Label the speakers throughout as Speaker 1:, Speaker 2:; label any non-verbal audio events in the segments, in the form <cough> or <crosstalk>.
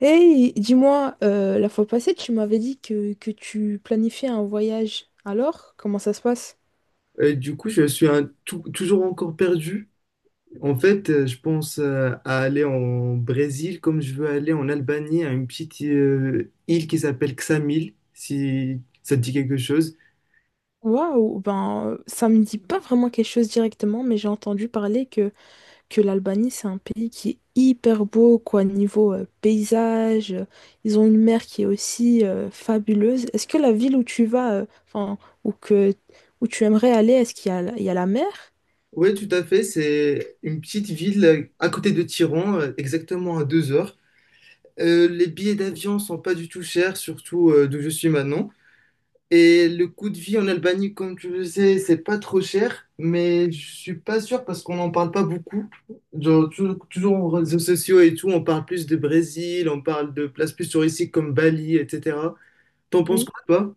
Speaker 1: Hey, dis-moi, la fois passée, tu m'avais dit que tu planifiais un voyage. Alors, comment ça se passe?
Speaker 2: Du coup, je suis toujours encore perdu. En fait, je pense à aller en Brésil comme je veux aller en Albanie, à une petite île qui s'appelle Ksamil, si ça te dit quelque chose.
Speaker 1: Waouh, ben ça me dit pas vraiment quelque chose directement, mais j'ai entendu parler que l'Albanie, c'est un pays qui est hyper beau, quoi, niveau paysage. Ils ont une mer qui est aussi fabuleuse. Est-ce que la ville où tu vas, enfin, ou que où tu aimerais aller, est-ce qu'il y a la mer?
Speaker 2: Oui, tout à fait. C'est une petite ville à côté de Tiran, exactement à 2 heures. Les billets d'avion sont pas du tout chers, surtout d'où je suis maintenant. Et le coût de vie en Albanie, comme tu le sais, c'est pas trop cher, mais je suis pas sûr parce qu'on n'en parle pas beaucoup. Genre, toujours, en réseaux sociaux et tout, on parle plus de Brésil, on parle de places plus touristiques comme Bali, etc. T'en penses
Speaker 1: Oui.
Speaker 2: quoi, toi?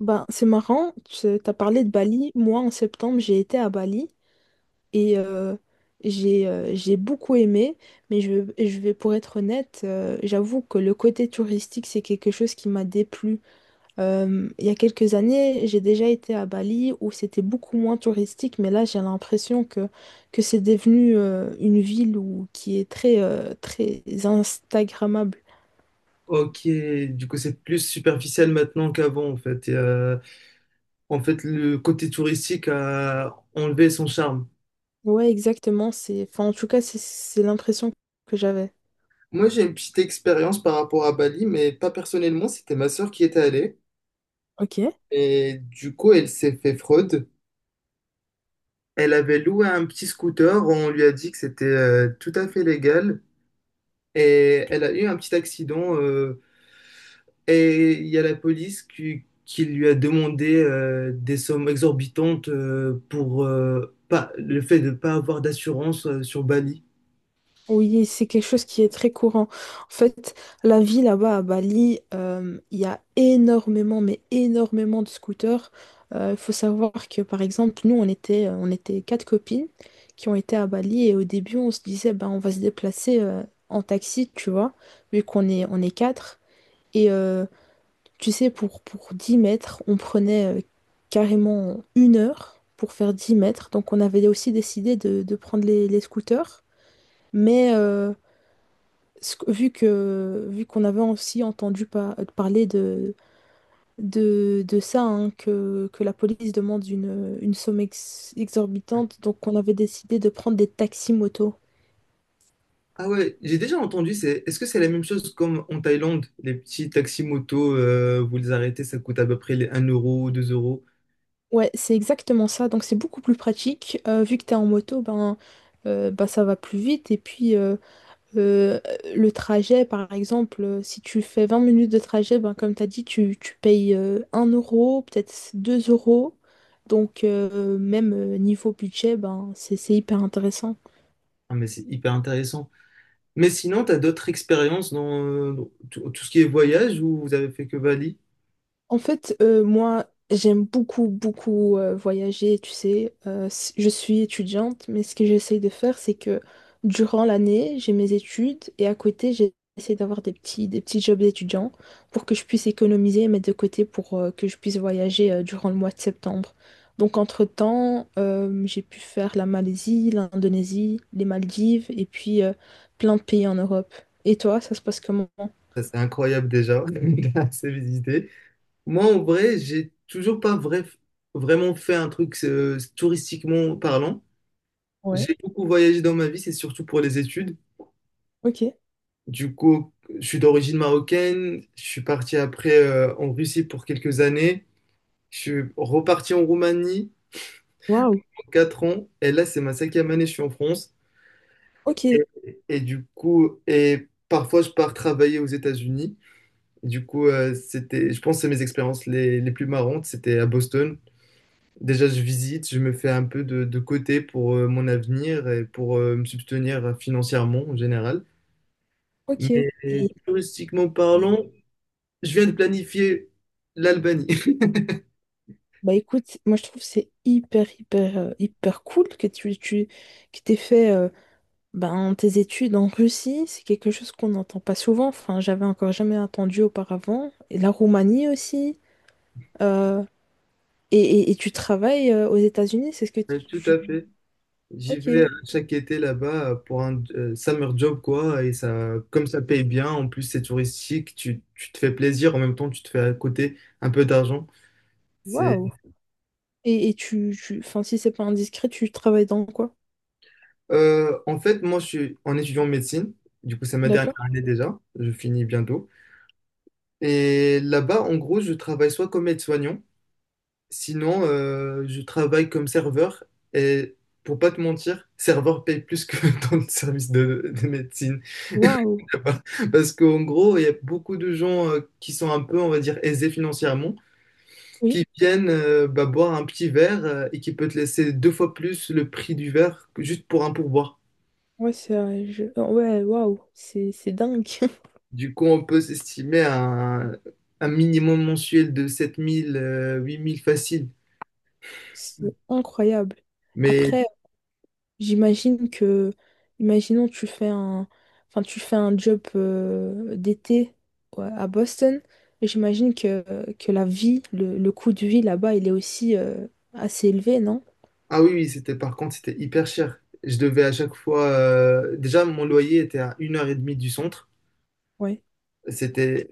Speaker 1: Ben, c'est marrant, tu as parlé de Bali. Moi, en septembre, j'ai été à Bali. Et j'ai beaucoup aimé, mais je vais, pour être honnête, j'avoue que le côté touristique, c'est quelque chose qui m'a déplu. Il y a quelques années, j'ai déjà été à Bali où c'était beaucoup moins touristique, mais là, j'ai l'impression que c'est devenu une ville qui est très Instagrammable.
Speaker 2: Ok, du coup, c'est plus superficiel maintenant qu'avant, en fait. Et, en fait, le côté touristique a enlevé son charme.
Speaker 1: Ouais, exactement. C'est, enfin, en tout cas, c'est l'impression que j'avais.
Speaker 2: Moi, j'ai une petite expérience par rapport à Bali, mais pas personnellement, c'était ma sœur qui était allée.
Speaker 1: Ok.
Speaker 2: Et du coup, elle s'est fait fraude. Elle avait loué un petit scooter, on lui a dit que c'était tout à fait légal et elle a eu un petit accident et il y a la police qui lui a demandé des sommes exorbitantes pour pas, le fait de ne pas avoir d'assurance sur Bali.
Speaker 1: Oui, c'est quelque chose qui est très courant. En fait, la vie là-bas à Bali, il y a énormément, mais énormément de scooters. Il faut savoir que, par exemple, nous, on était quatre copines qui ont été à Bali et au début, on se disait, ben, on va se déplacer en taxi, tu vois, vu qu'on est, on est quatre. Et tu sais, pour 10 mètres, on prenait carrément une heure pour faire 10 mètres. Donc, on avait aussi décidé de prendre les scooters. Mais... ce que vu qu'on avait aussi entendu parler de ça, hein, que la police demande une somme exorbitante, donc on avait décidé de prendre des taxis moto.
Speaker 2: Ah ouais, j'ai déjà entendu, c'est, est-ce que c'est la même chose comme en Thaïlande? Les petits taxis motos, vous les arrêtez, ça coûte à peu près les 1 euro, 2 euros.
Speaker 1: Ouais, c'est exactement ça, donc c'est beaucoup plus pratique. Vu que tu es en moto, ben, bah, ça va plus vite. Et puis, Euh, le trajet, par exemple, si tu fais 20 minutes de trajet, ben, comme tu as dit, tu payes 1 euro, peut-être 2 euros. Donc, même niveau budget, ben, c'est hyper intéressant.
Speaker 2: Ah mais c'est hyper intéressant. Mais sinon, tu as d'autres expériences dans tout ce qui est voyage où vous avez fait que Bali?
Speaker 1: En fait, moi, j'aime beaucoup voyager, tu sais. Je suis étudiante, mais ce que j'essaye de faire, c'est que durant l'année, j'ai mes études et à côté, j'essaie d'avoir des des petits jobs d'étudiant pour que je puisse économiser et mettre de côté pour que je puisse voyager durant le mois de septembre. Donc, entre-temps, j'ai pu faire la Malaisie, l'Indonésie, les Maldives et puis plein de pays en Europe. Et toi, ça se passe comment?
Speaker 2: Ça, c'est incroyable déjà, <laughs> c'est assez visité. Moi, en vrai, j'ai toujours pas vrai- vraiment fait un truc touristiquement parlant.
Speaker 1: Ouais,
Speaker 2: J'ai beaucoup voyagé dans ma vie, c'est surtout pour les études.
Speaker 1: ok.
Speaker 2: Du coup, je suis d'origine marocaine. Je suis parti après en Russie pour quelques années. Je suis reparti en Roumanie
Speaker 1: Waouh,
Speaker 2: pour 4 ans. Et là, c'est ma cinquième année, je suis en France.
Speaker 1: ok,
Speaker 2: Et, et du coup, et parfois je pars travailler aux États-Unis. Du coup, c'était, je pense que c'est mes expériences les plus marrantes. C'était à Boston. Déjà, je visite, je me fais un peu de côté pour mon avenir et pour me subvenir financièrement en général.
Speaker 1: ok.
Speaker 2: Mais
Speaker 1: Et
Speaker 2: touristiquement
Speaker 1: Et-
Speaker 2: parlant, je viens de planifier l'Albanie.
Speaker 1: Bah écoute, moi je trouve que c'est hyper cool que tu que t'aies fait ben, tes études en Russie, c'est quelque chose qu'on n'entend pas souvent, enfin j'avais encore jamais entendu auparavant, et la Roumanie aussi, euh, et tu travailles aux États-Unis, c'est ce que
Speaker 2: <laughs> Tout à fait. J'y
Speaker 1: Ok,
Speaker 2: vais chaque été là-bas pour un summer job, quoi. Et ça, comme ça paye bien, en plus c'est touristique, tu te fais plaisir, en même temps tu te fais à côté un peu d'argent. C'est...
Speaker 1: waouh! Et, tu... Enfin si c'est pas indiscret, tu travailles dans quoi?
Speaker 2: En fait, moi je suis en étudiant en médecine, du coup c'est ma dernière
Speaker 1: D'accord?
Speaker 2: année déjà, je finis bientôt. Et là-bas, en gros, je travaille soit comme aide-soignant, sinon je travaille comme serveur. Et pour pas te mentir, serveur paye plus que <laughs> dans le service de médecine.
Speaker 1: Waouh!
Speaker 2: <laughs> Parce qu'en gros, il y a beaucoup de gens qui sont un peu, on va dire, aisés financièrement,
Speaker 1: Oui,
Speaker 2: qui viennent bah, boire un petit verre et qui peut te laisser deux fois plus le prix du verre que juste pour un pourboire.
Speaker 1: ouais, Ouais, waouh, c'est dingue,
Speaker 2: Du coup, on peut s'estimer à un minimum mensuel de 7000, 8000 facile.
Speaker 1: <laughs> c'est incroyable.
Speaker 2: Mais,
Speaker 1: Après... J'imagine que, imaginons tu fais un, enfin tu fais un job d'été ouais, à Boston, et j'imagine que la vie, le coût de vie là-bas, il est aussi assez élevé, non?
Speaker 2: ah oui, oui, c'était par contre, c'était hyper cher. Je devais à chaque fois. Déjà, mon loyer était à une heure et demie du centre.
Speaker 1: Ouais.
Speaker 2: C'était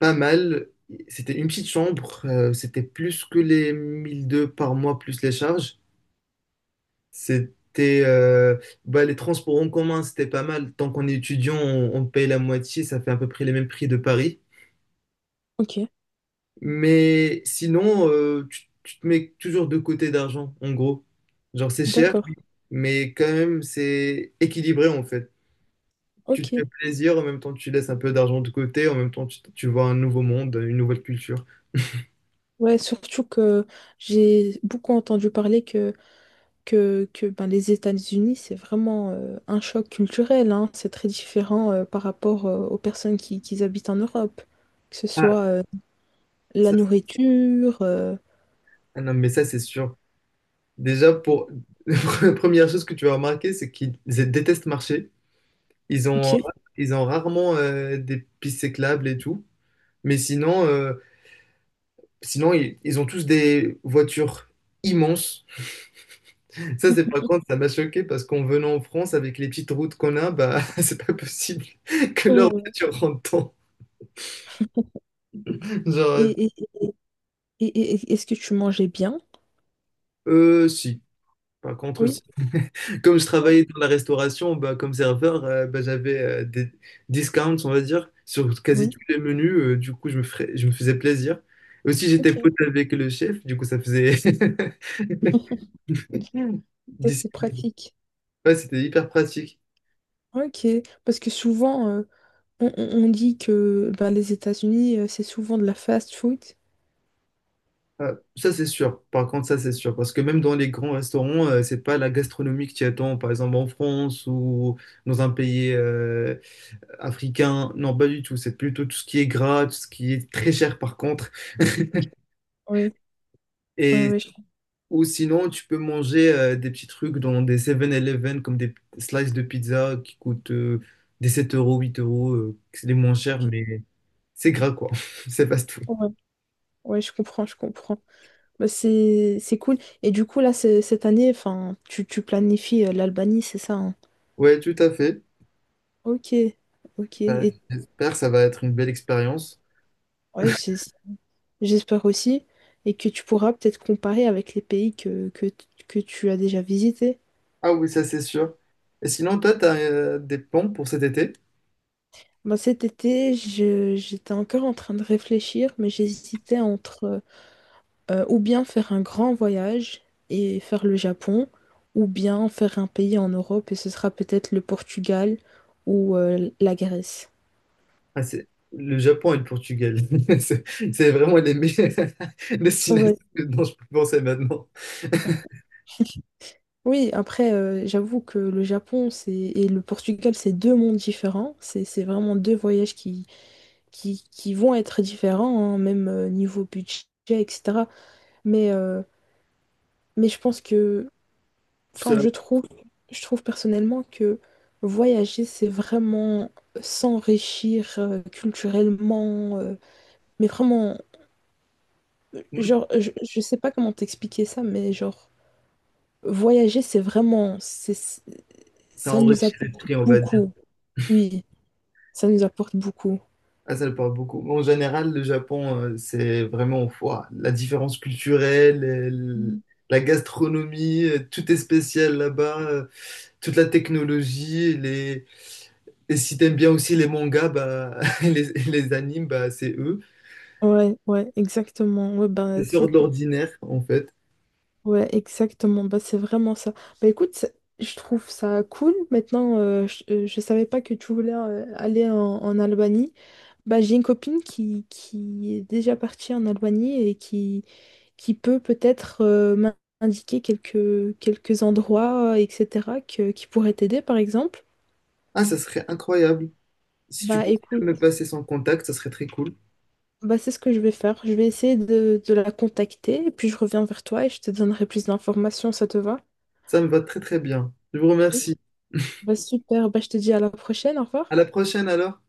Speaker 2: pas mal. C'était une petite chambre, c'était plus que les 1002 par mois plus les charges. C'était bah, les transports en commun, c'était pas mal. Tant qu'on est étudiant, on paye la moitié, ça fait à peu près les mêmes prix de Paris.
Speaker 1: Ok,
Speaker 2: Mais sinon, tu te mets toujours de côté d'argent, en gros. Genre, c'est cher,
Speaker 1: d'accord.
Speaker 2: mais quand même, c'est équilibré en fait. Tu te
Speaker 1: Ok.
Speaker 2: fais plaisir, en même temps, tu laisses un peu d'argent de côté, en même temps, tu vois un nouveau monde, une nouvelle culture.
Speaker 1: Ouais, surtout que j'ai beaucoup entendu parler que ben, les États-Unis, c'est vraiment un choc culturel, hein. C'est très différent par rapport aux personnes qui habitent en Europe, que ce
Speaker 2: Ah.
Speaker 1: soit la nourriture.
Speaker 2: Ah non, mais ça, c'est sûr. Déjà, pour <laughs> la première chose que tu vas remarquer, c'est qu'ils détestent marcher. Ils ont,
Speaker 1: Ok.
Speaker 2: ils ont rarement des pistes cyclables et tout. Mais sinon, sinon ils ont tous des voitures immenses. Ça, c'est par
Speaker 1: Mhm.
Speaker 2: contre, ça m'a choqué parce qu'en venant en France, avec les petites routes qu'on a, bah, <laughs> c'est pas possible <laughs> que leur
Speaker 1: Mhm. <laughs>
Speaker 2: voiture rentre dedans. Genre,
Speaker 1: Et, et- est-ce que tu mangeais bien?
Speaker 2: si. Par contre, si.
Speaker 1: Oui.
Speaker 2: Comme je
Speaker 1: Ouais.
Speaker 2: travaillais dans la restauration, bah, comme serveur, bah, j'avais des discounts, on va dire, sur quasi tous
Speaker 1: Oui.
Speaker 2: les menus. Du coup, je me faisais plaisir. Aussi, j'étais
Speaker 1: Ok.
Speaker 2: pote avec le chef, du coup, ça faisait... <laughs>
Speaker 1: <laughs> Ça,
Speaker 2: D'ici-
Speaker 1: c'est pratique.
Speaker 2: ouais, c'était hyper pratique.
Speaker 1: Ok. Parce que souvent, on dit que ben, les États-Unis, c'est souvent de la fast food.
Speaker 2: Ah, ça, c'est sûr. Par contre, ça, c'est sûr. Parce que même dans les grands restaurants, c'est pas la gastronomie que tu attends, par exemple en France ou dans un pays africain. Non, pas du tout. C'est plutôt tout ce qui est gras, tout ce qui est très cher, par contre.
Speaker 1: Ok. Oui, oui,
Speaker 2: Et
Speaker 1: oui, je
Speaker 2: ou sinon, tu peux manger des petits trucs dans des Seven eleven comme des slices de pizza qui coûtent des 7 euros, 8 euros. C'est les moins chers,
Speaker 1: ok.
Speaker 2: mais c'est gras quoi. <laughs> C'est pas tout.
Speaker 1: Ouais. Ouais, je comprends, je comprends. Bah, c'est cool. Et du coup, cette année, enfin, tu planifies l'Albanie, c'est ça, hein
Speaker 2: Ouais, tout à fait.
Speaker 1: Ok, ok.
Speaker 2: J'espère que ça va être une belle expérience.
Speaker 1: Ouais, j'ai- j'espère aussi, et que tu pourras peut-être comparer avec les pays que tu as déjà visités.
Speaker 2: Ah oui, ça c'est sûr. Et sinon, toi, t'as des plans pour cet été?
Speaker 1: Ben, cet été, j'étais encore en train de réfléchir, mais j'hésitais entre ou bien faire un grand voyage et faire le Japon, ou bien faire un pays en Europe, et ce sera peut-être le Portugal ou la Grèce.
Speaker 2: Ah, c'est le Japon et le Portugal. <laughs> C'est c'est vraiment les meilleures <laughs> destinations
Speaker 1: Ouais.
Speaker 2: dont je peux penser maintenant. <laughs>
Speaker 1: Oui, après, j'avoue que le Japon c'est... et le Portugal, c'est deux mondes différents. C'est vraiment deux voyages qui vont être différents, hein, même niveau budget, etc. Mais, euh, mais je pense que,
Speaker 2: Ça,
Speaker 1: enfin, je trouve personnellement que voyager, c'est vraiment s'enrichir culturellement, mais vraiment, genre, je sais pas comment t'expliquer ça, mais genre, voyager,
Speaker 2: Ça
Speaker 1: ça nous
Speaker 2: enrichit
Speaker 1: apporte
Speaker 2: l'esprit, on va
Speaker 1: beaucoup. Oui, ça nous apporte beaucoup.
Speaker 2: ah, ça le parle beaucoup. En général, le Japon, c'est vraiment ouah, la différence culturelle,
Speaker 1: Mm.
Speaker 2: la gastronomie, tout est spécial là-bas, toute la technologie, les... et si t'aimes bien aussi les mangas, bah, <laughs> et et les animes, bah, c'est eux.
Speaker 1: Ouais, ouais, exactement.
Speaker 2: C'est sort de l'ordinaire, en fait.
Speaker 1: Ouais, exactement. Bah, c'est vraiment ça. Bah, écoute, ça- je trouve ça cool. Maintenant, je savais pas que tu voulais aller en Albanie. Bah, j'ai une copine qui est déjà partie en Albanie et qui peut peut-être m'indiquer quelques endroits, etc., qui pourraient t'aider, par exemple.
Speaker 2: Ah, ça serait incroyable. Si tu
Speaker 1: Bah,
Speaker 2: pouvais me
Speaker 1: écoute,
Speaker 2: passer son contact, ça serait très cool.
Speaker 1: bah, c'est ce que je vais faire. Je vais essayer de la contacter et puis je reviens vers toi et je te donnerai plus d'informations. Ça te va?
Speaker 2: Ça me va très très bien. Je vous
Speaker 1: Ok.
Speaker 2: remercie.
Speaker 1: Bah, super. Bah, je te dis à la prochaine. Au
Speaker 2: À
Speaker 1: revoir.
Speaker 2: la prochaine alors.